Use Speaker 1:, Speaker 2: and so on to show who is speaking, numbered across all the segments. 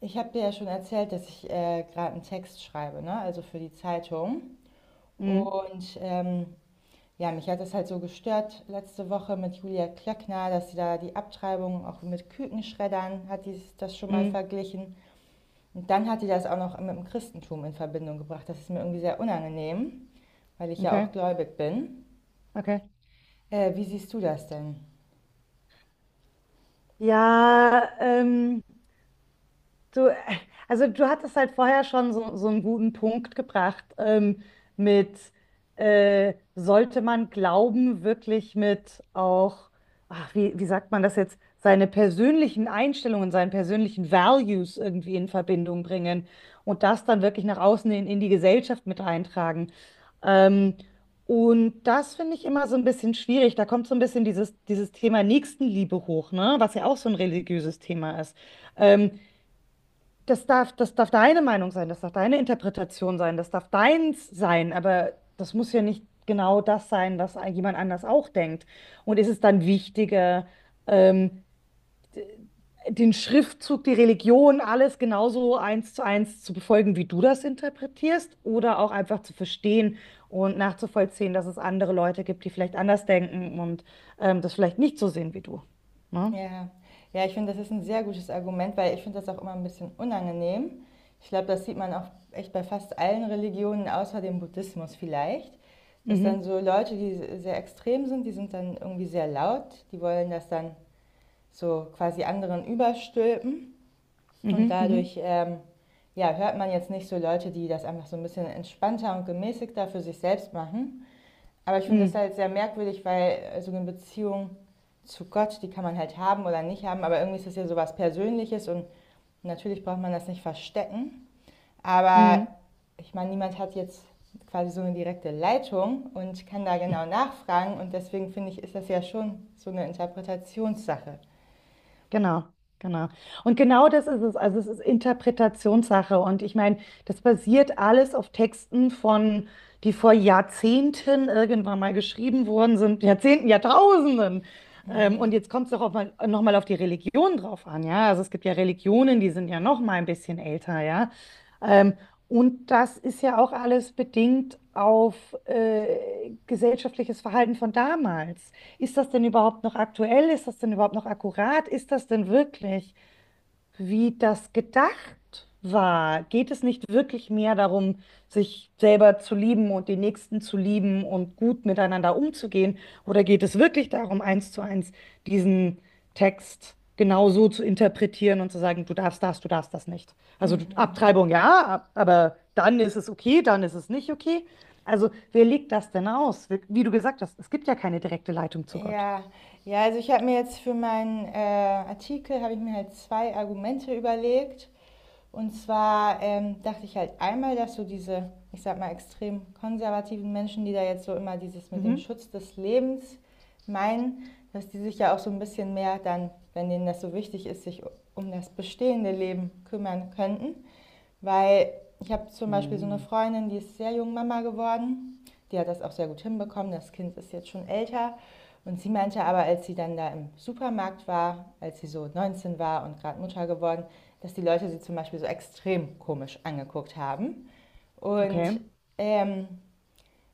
Speaker 1: Ich habe dir ja schon erzählt, dass ich gerade einen Text schreibe, ne? Also für die Zeitung.
Speaker 2: Mhm.
Speaker 1: Und ähm, ja, mich hat das halt so gestört letzte Woche mit Julia Klöckner, dass sie da die Abtreibung auch mit Kükenschreddern hat, die das schon mal
Speaker 2: Mhm.
Speaker 1: verglichen. Und dann hat die das auch noch mit dem Christentum in Verbindung gebracht. Das ist mir irgendwie sehr unangenehm, weil ich ja
Speaker 2: Okay,
Speaker 1: auch gläubig bin.
Speaker 2: okay.
Speaker 1: Wie siehst du das denn?
Speaker 2: Ja, du, also du hattest halt vorher schon so, so einen guten Punkt gebracht, mit sollte man Glauben wirklich mit auch, ach, wie sagt man das jetzt, seine persönlichen Einstellungen, seinen persönlichen Values irgendwie in Verbindung bringen und das dann wirklich nach außen in die Gesellschaft mit eintragen. Ähm, und das finde ich immer so ein bisschen schwierig. Da kommt so ein bisschen dieses Thema Nächstenliebe hoch, ne? Was ja auch so ein religiöses Thema ist. Ähm, das darf deine Meinung sein, das darf deine Interpretation sein, das darf deins sein, aber das muss ja nicht genau das sein, was jemand anders auch denkt. Und ist es dann wichtiger, ähm, d- den Schriftzug, die Religion, alles genauso eins zu befolgen, wie du das interpretierst, oder auch einfach zu verstehen und nachzuvollziehen, dass es andere Leute gibt, die vielleicht anders denken und das vielleicht nicht so sehen wie du. Ne?
Speaker 1: Ja, ja, ich finde, das ist ein sehr gutes Argument, weil ich finde das auch immer ein bisschen unangenehm. Ich glaube, das sieht man auch echt bei fast allen Religionen außer dem Buddhismus vielleicht, dass dann
Speaker 2: Mhm.
Speaker 1: so Leute, die sehr extrem sind, die sind dann irgendwie sehr laut, die wollen das dann so quasi anderen überstülpen, und
Speaker 2: Mhm. Mhm.
Speaker 1: dadurch ja, hört man jetzt nicht so Leute, die das einfach so ein bisschen entspannter und gemäßigter für sich selbst machen. Aber ich finde das
Speaker 2: Mhm.
Speaker 1: halt sehr merkwürdig, weil so eine Beziehung zu Gott, die kann man halt haben oder nicht haben, aber irgendwie ist das ja sowas Persönliches und natürlich braucht man das nicht verstecken.
Speaker 2: Mhm.
Speaker 1: Aber
Speaker 2: Mhm.
Speaker 1: ich meine, niemand hat jetzt quasi so eine direkte Leitung und kann da genau nachfragen, und deswegen finde ich, ist das ja schon so eine Interpretationssache.
Speaker 2: Genau, genau. Und genau das ist es. Also es ist Interpretationssache. Und ich meine, das basiert alles auf Texten von, die vor Jahrzehnten irgendwann mal geschrieben worden sind, Jahrzehnten, Jahrtausenden. Und
Speaker 1: Mhm.
Speaker 2: jetzt kommt es doch auch mal, noch mal auf die Religion drauf an, ja. Also es gibt ja Religionen, die sind ja noch mal ein bisschen älter, ja. Ähm, und das ist ja auch alles bedingt auf gesellschaftliches Verhalten von damals. Ist das denn überhaupt noch aktuell? Ist das denn überhaupt noch akkurat? Ist das denn wirklich, wie das gedacht war? Geht es nicht wirklich mehr darum, sich selber zu lieben und den Nächsten zu lieben und gut miteinander umzugehen? Oder geht es wirklich darum, eins zu eins diesen Text genau so zu interpretieren und zu sagen, du darfst das nicht? Also
Speaker 1: Mhm.
Speaker 2: Abtreibung ja, aber dann ist es okay, dann ist es nicht okay. Also wer legt das denn aus? Wie du gesagt hast, es gibt ja keine direkte Leitung zu Gott.
Speaker 1: Ja, ja, also ich habe mir jetzt für meinen Artikel, habe ich mir halt zwei Argumente überlegt. Und zwar dachte ich halt einmal, dass so diese, ich sag mal, extrem konservativen Menschen, die da jetzt so immer dieses mit dem
Speaker 2: Mhm.
Speaker 1: Schutz des Lebens meinen, dass die sich ja auch so ein bisschen mehr dann, wenn denen das so wichtig ist, sich um das bestehende Leben kümmern könnten. Weil ich habe zum Beispiel so eine
Speaker 2: Mhm.
Speaker 1: Freundin, die ist sehr jung Mama geworden. Die hat das auch sehr gut hinbekommen. Das Kind ist jetzt schon älter. Und sie meinte aber, als sie dann da im Supermarkt war, als sie so 19 war und gerade Mutter geworden, dass die Leute sie zum Beispiel so extrem komisch angeguckt haben.
Speaker 2: Okay.
Speaker 1: Und ähm,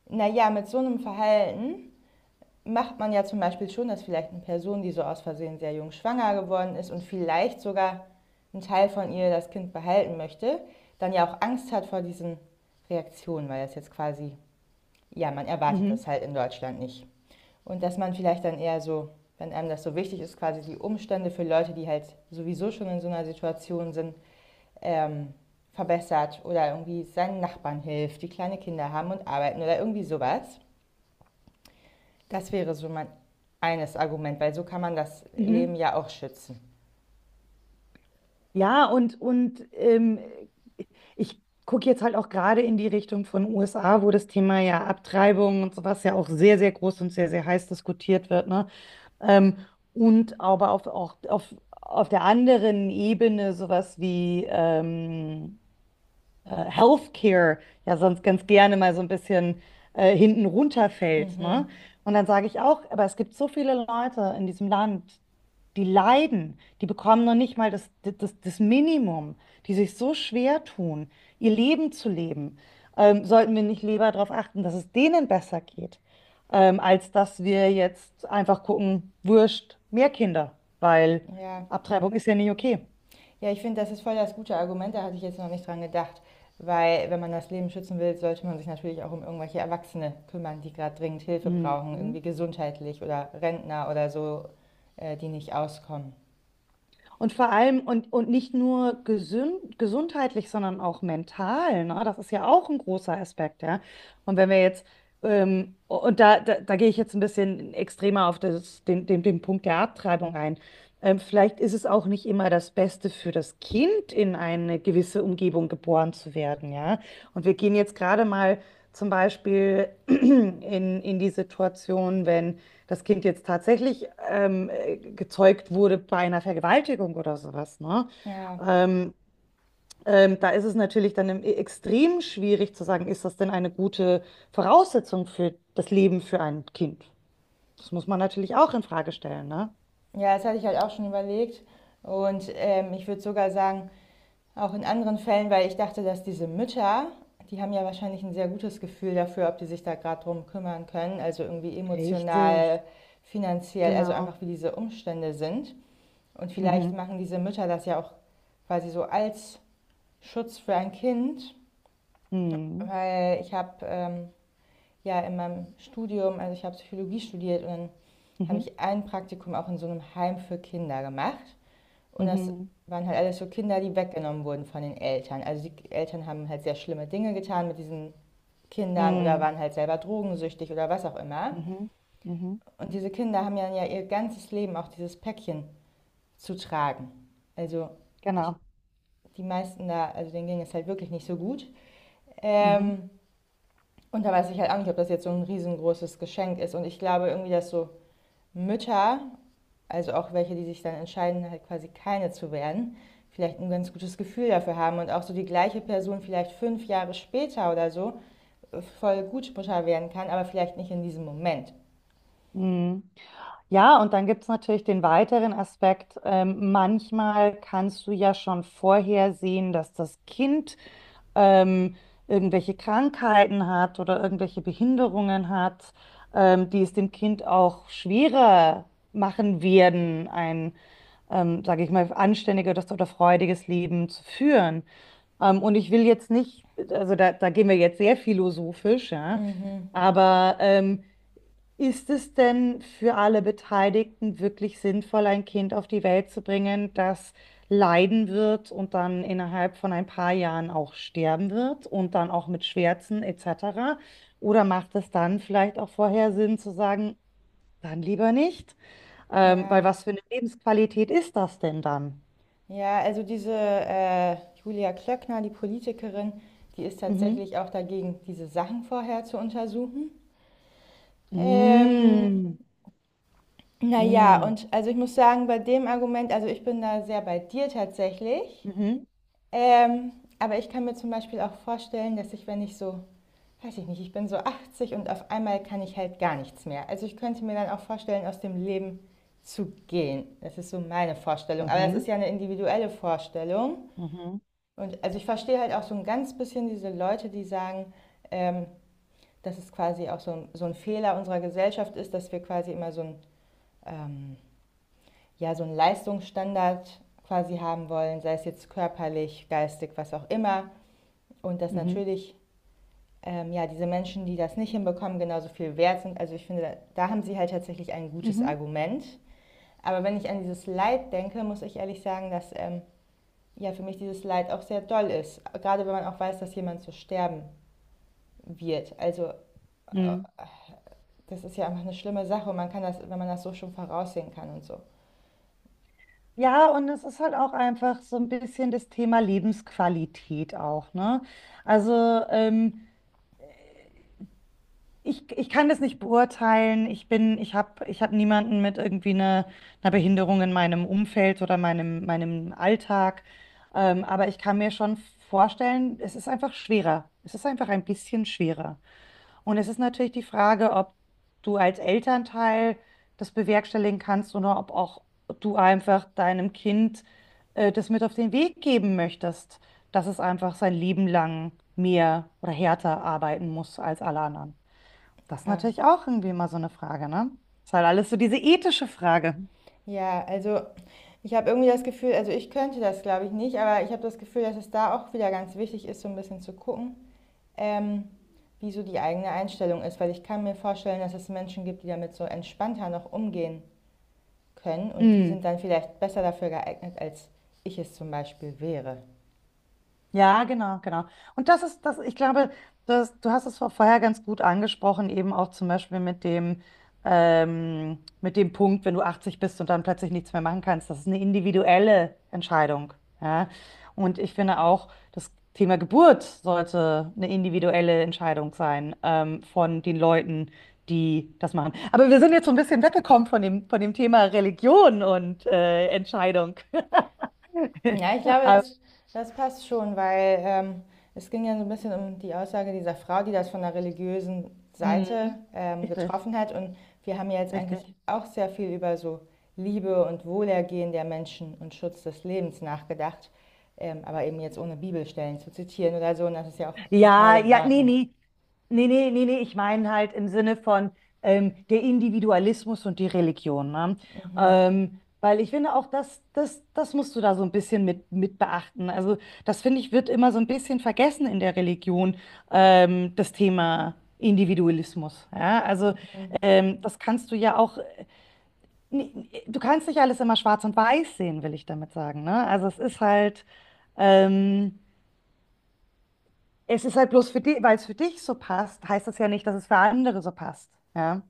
Speaker 1: naja, mit so einem Verhalten macht man ja zum Beispiel schon, dass vielleicht eine Person, die so aus Versehen sehr jung schwanger geworden ist und vielleicht sogar ein Teil von ihr das Kind behalten möchte, dann ja auch Angst hat vor diesen Reaktionen, weil das jetzt quasi, ja, man erwartet
Speaker 2: Mhm.
Speaker 1: das halt in Deutschland nicht. Und dass man vielleicht dann eher so, wenn einem das so wichtig ist, quasi die Umstände für Leute, die halt sowieso schon in so einer Situation sind, ähm, verbessert oder irgendwie seinen Nachbarn hilft, die kleine Kinder haben und arbeiten oder irgendwie sowas. Das wäre so mein eines Argument, weil so kann man das
Speaker 2: Mhm.
Speaker 1: Leben ja auch schützen.
Speaker 2: Ja, und ich gucke jetzt halt auch gerade in die Richtung von USA, wo das Thema ja Abtreibung und sowas ja auch sehr, sehr groß und sehr, sehr heiß diskutiert wird, ne? Ähm, und aber auf der anderen Ebene sowas wie Healthcare ja sonst ganz gerne mal so ein bisschen hinten runterfällt,
Speaker 1: Mhm.
Speaker 2: ne? Und dann sage ich auch, aber es gibt so viele Leute in diesem Land, die leiden, die bekommen noch nicht mal das Minimum, die sich so schwer tun, ihr Leben zu leben. Sollten wir nicht lieber darauf achten, dass es denen besser geht, als dass wir jetzt einfach gucken, wurscht, mehr Kinder, weil
Speaker 1: Ja.
Speaker 2: Abtreibung ist ja nicht okay.
Speaker 1: Ja, ich finde, das ist voll das gute Argument, da hatte ich jetzt noch nicht dran gedacht. Weil wenn man das Leben schützen will, sollte man sich natürlich auch um irgendwelche Erwachsene kümmern, die gerade dringend Hilfe brauchen,
Speaker 2: Mhm.
Speaker 1: irgendwie gesundheitlich oder Rentner oder so, die nicht auskommen.
Speaker 2: Und vor allem, und nicht nur gesundheitlich, sondern auch mental, ne? Das ist ja auch ein großer Aspekt, ja. Und wenn wir jetzt, und da gehe ich jetzt ein bisschen extremer auf den Punkt der Abtreibung ein. Vielleicht ist es auch nicht immer das Beste für das Kind, in eine gewisse Umgebung geboren zu werden, ja. Und wir gehen jetzt gerade mal zum Beispiel in die Situation, wenn das Kind jetzt tatsächlich gezeugt wurde bei einer Vergewaltigung oder sowas, ne?
Speaker 1: Ja.
Speaker 2: Ähm, da ist es natürlich dann extrem schwierig zu sagen, ist das denn eine gute Voraussetzung für das Leben für ein Kind? Das muss man natürlich auch in Frage stellen, ne?
Speaker 1: Ja, das hatte ich halt auch schon überlegt. Und ich würde sogar sagen, auch in anderen Fällen, weil ich dachte, dass diese Mütter, die haben ja wahrscheinlich ein sehr gutes Gefühl dafür, ob die sich da gerade drum kümmern können, also irgendwie emotional,
Speaker 2: Richtig,
Speaker 1: finanziell, also
Speaker 2: genau.
Speaker 1: einfach wie diese Umstände sind. Und vielleicht
Speaker 2: Mhm.
Speaker 1: machen diese Mütter das ja auch quasi so als Schutz für ein Kind,
Speaker 2: Mhm.
Speaker 1: weil ich habe ja in meinem Studium, also ich habe Psychologie studiert, und dann habe
Speaker 2: Mhm.
Speaker 1: ich ein Praktikum auch in so einem Heim für Kinder gemacht. Und das
Speaker 2: Mhm.
Speaker 1: waren halt alles so Kinder, die weggenommen wurden von den Eltern. Also die Eltern haben halt sehr schlimme Dinge getan mit diesen Kindern oder
Speaker 2: Mhm.
Speaker 1: waren halt selber drogensüchtig oder was auch immer.
Speaker 2: Mhm. Mhm.
Speaker 1: Und diese Kinder haben ja ihr ganzes Leben auch dieses Päckchen zu tragen. Also ich,
Speaker 2: Genau.
Speaker 1: die meisten da, also denen ging es halt wirklich nicht so gut.
Speaker 2: Mhm.
Speaker 1: Ähm, und da weiß ich halt auch nicht, ob das jetzt so ein riesengroßes Geschenk ist. Und ich glaube irgendwie, dass so Mütter, also auch welche, die sich dann entscheiden, halt quasi keine zu werden, vielleicht ein ganz gutes Gefühl dafür haben und auch so die gleiche Person vielleicht fünf Jahre später oder so voll Gutsprücher werden kann, aber vielleicht nicht in diesem Moment.
Speaker 2: Mhm. Ja, und dann gibt es natürlich den weiteren Aspekt. Manchmal kannst du ja schon vorher sehen, dass das Kind ähm, irgendwelche Krankheiten hat oder irgendwelche Behinderungen hat, die es dem Kind auch schwerer machen werden, sage ich mal, anständiges oder freudiges Leben zu führen. Und ich will jetzt nicht, also da gehen wir jetzt sehr philosophisch, ja,
Speaker 1: Mhm.
Speaker 2: aber ist es denn für alle Beteiligten wirklich sinnvoll, ein Kind auf die Welt zu bringen, das leiden wird und dann innerhalb von ein paar Jahren auch sterben wird und dann auch mit Schmerzen etc.? Oder macht es dann vielleicht auch vorher Sinn zu sagen, dann lieber nicht? Weil
Speaker 1: Ja,
Speaker 2: was für eine Lebensqualität ist das denn dann?
Speaker 1: ja, also diese Julia Klöckner, die Politikerin, die ist
Speaker 2: Mhm.
Speaker 1: tatsächlich auch dagegen, diese Sachen vorher zu untersuchen.
Speaker 2: Mm,
Speaker 1: Ähm, naja,
Speaker 2: mm,
Speaker 1: und also ich muss sagen, bei dem Argument, also ich bin da sehr bei dir tatsächlich.
Speaker 2: mhm,
Speaker 1: Ähm, aber ich kann mir zum Beispiel auch vorstellen, dass ich, wenn ich so, weiß ich nicht, ich bin so 80 und auf einmal kann ich halt gar nichts mehr. Also ich könnte mir dann auch vorstellen, aus dem Leben zu gehen. Das ist so meine Vorstellung. Aber das
Speaker 2: mhm,
Speaker 1: ist ja eine individuelle Vorstellung.
Speaker 2: mhm,
Speaker 1: Und also ich verstehe halt auch so ein ganz bisschen diese Leute, die sagen, ähm, dass es quasi auch so ein Fehler unserer Gesellschaft ist, dass wir quasi immer so ein, ähm, ja, so einen Leistungsstandard quasi haben wollen, sei es jetzt körperlich, geistig, was auch immer. Und dass
Speaker 2: mhm,
Speaker 1: natürlich ja, diese Menschen, die das nicht hinbekommen, genauso viel wert sind. Also ich finde, da haben sie halt tatsächlich ein
Speaker 2: mhm,
Speaker 1: gutes
Speaker 2: mhm.
Speaker 1: Argument. Aber wenn ich an dieses Leid denke, muss ich ehrlich sagen, dass ja, für mich dieses Leid auch sehr doll ist. Gerade wenn man auch weiß, dass jemand so sterben wird. Also äh,
Speaker 2: Mm.
Speaker 1: das ist ja einfach eine schlimme Sache, und man kann das, wenn man das so schon voraussehen kann und so.
Speaker 2: Ja, und es ist halt auch einfach so ein bisschen das Thema Lebensqualität auch, ne? Also ähm, ich kann das nicht beurteilen. Ich habe niemanden mit irgendwie einer Behinderung in meinem Umfeld oder meinem Alltag. Aber ich kann mir schon vorstellen, es ist einfach schwerer. Es ist einfach ein bisschen schwerer. Und es ist natürlich die Frage, ob du als Elternteil das bewerkstelligen kannst oder ob auch du einfach deinem Kind das mit auf den Weg geben möchtest, dass es einfach sein Leben lang mehr oder härter arbeiten muss als alle anderen. Das ist
Speaker 1: Ja.
Speaker 2: natürlich auch irgendwie mal so eine Frage, ne? Ist halt alles so diese ethische Frage.
Speaker 1: Ja, also ich habe irgendwie das Gefühl, also ich könnte das glaube ich nicht, aber ich habe das Gefühl, dass es da auch wieder ganz wichtig ist, so ein bisschen zu gucken, Ähm, wie so die eigene Einstellung ist, weil ich kann mir vorstellen, dass es Menschen gibt, die damit so entspannter noch umgehen können, und die
Speaker 2: Mm.
Speaker 1: sind dann vielleicht besser dafür geeignet, als ich es zum Beispiel wäre.
Speaker 2: Ja, genau, genau. Und das ist das, ich glaube, das, du hast es vorher ganz gut angesprochen, eben auch zum Beispiel mit dem Punkt, wenn du 80 bist und dann plötzlich nichts mehr machen kannst. Das ist eine individuelle Entscheidung. Ja? Und ich finde auch, das Thema Geburt sollte eine individuelle Entscheidung sein, von den Leuten, die das machen. Aber wir sind jetzt so ein bisschen weggekommen von dem Thema Religion und Entscheidung.
Speaker 1: Ja, ich glaube,
Speaker 2: Aber,
Speaker 1: das, das passt schon, weil es ging ja so ein bisschen um die Aussage dieser Frau, die das von der religiösen Seite
Speaker 2: mhm. Richtig.
Speaker 1: getroffen hat. Und wir haben ja jetzt eigentlich
Speaker 2: Richtig.
Speaker 1: auch sehr viel über so Liebe und Wohlergehen der Menschen und Schutz des Lebens nachgedacht, aber eben jetzt ohne Bibelstellen zu zitieren oder so. Und das ist ja auch total
Speaker 2: Ja,
Speaker 1: in
Speaker 2: ja, nee,
Speaker 1: Ordnung.
Speaker 2: nee. Nee, nee, nee, nee. Ich meine halt im Sinne von der Individualismus und die Religion, ne? Weil ich finde auch, das musst du da so ein bisschen mit beachten. Also, das finde ich, wird immer so ein bisschen vergessen in der Religion, das Thema Individualismus. Ja? Also,
Speaker 1: Mhm.
Speaker 2: das kannst du ja auch, nee, du kannst nicht alles immer schwarz und weiß sehen, will ich damit sagen, ne? Also, es ist halt. Ähm, Es ist halt bloß für dich, weil es für dich so passt, heißt das ja nicht, dass es für andere so passt. Ja.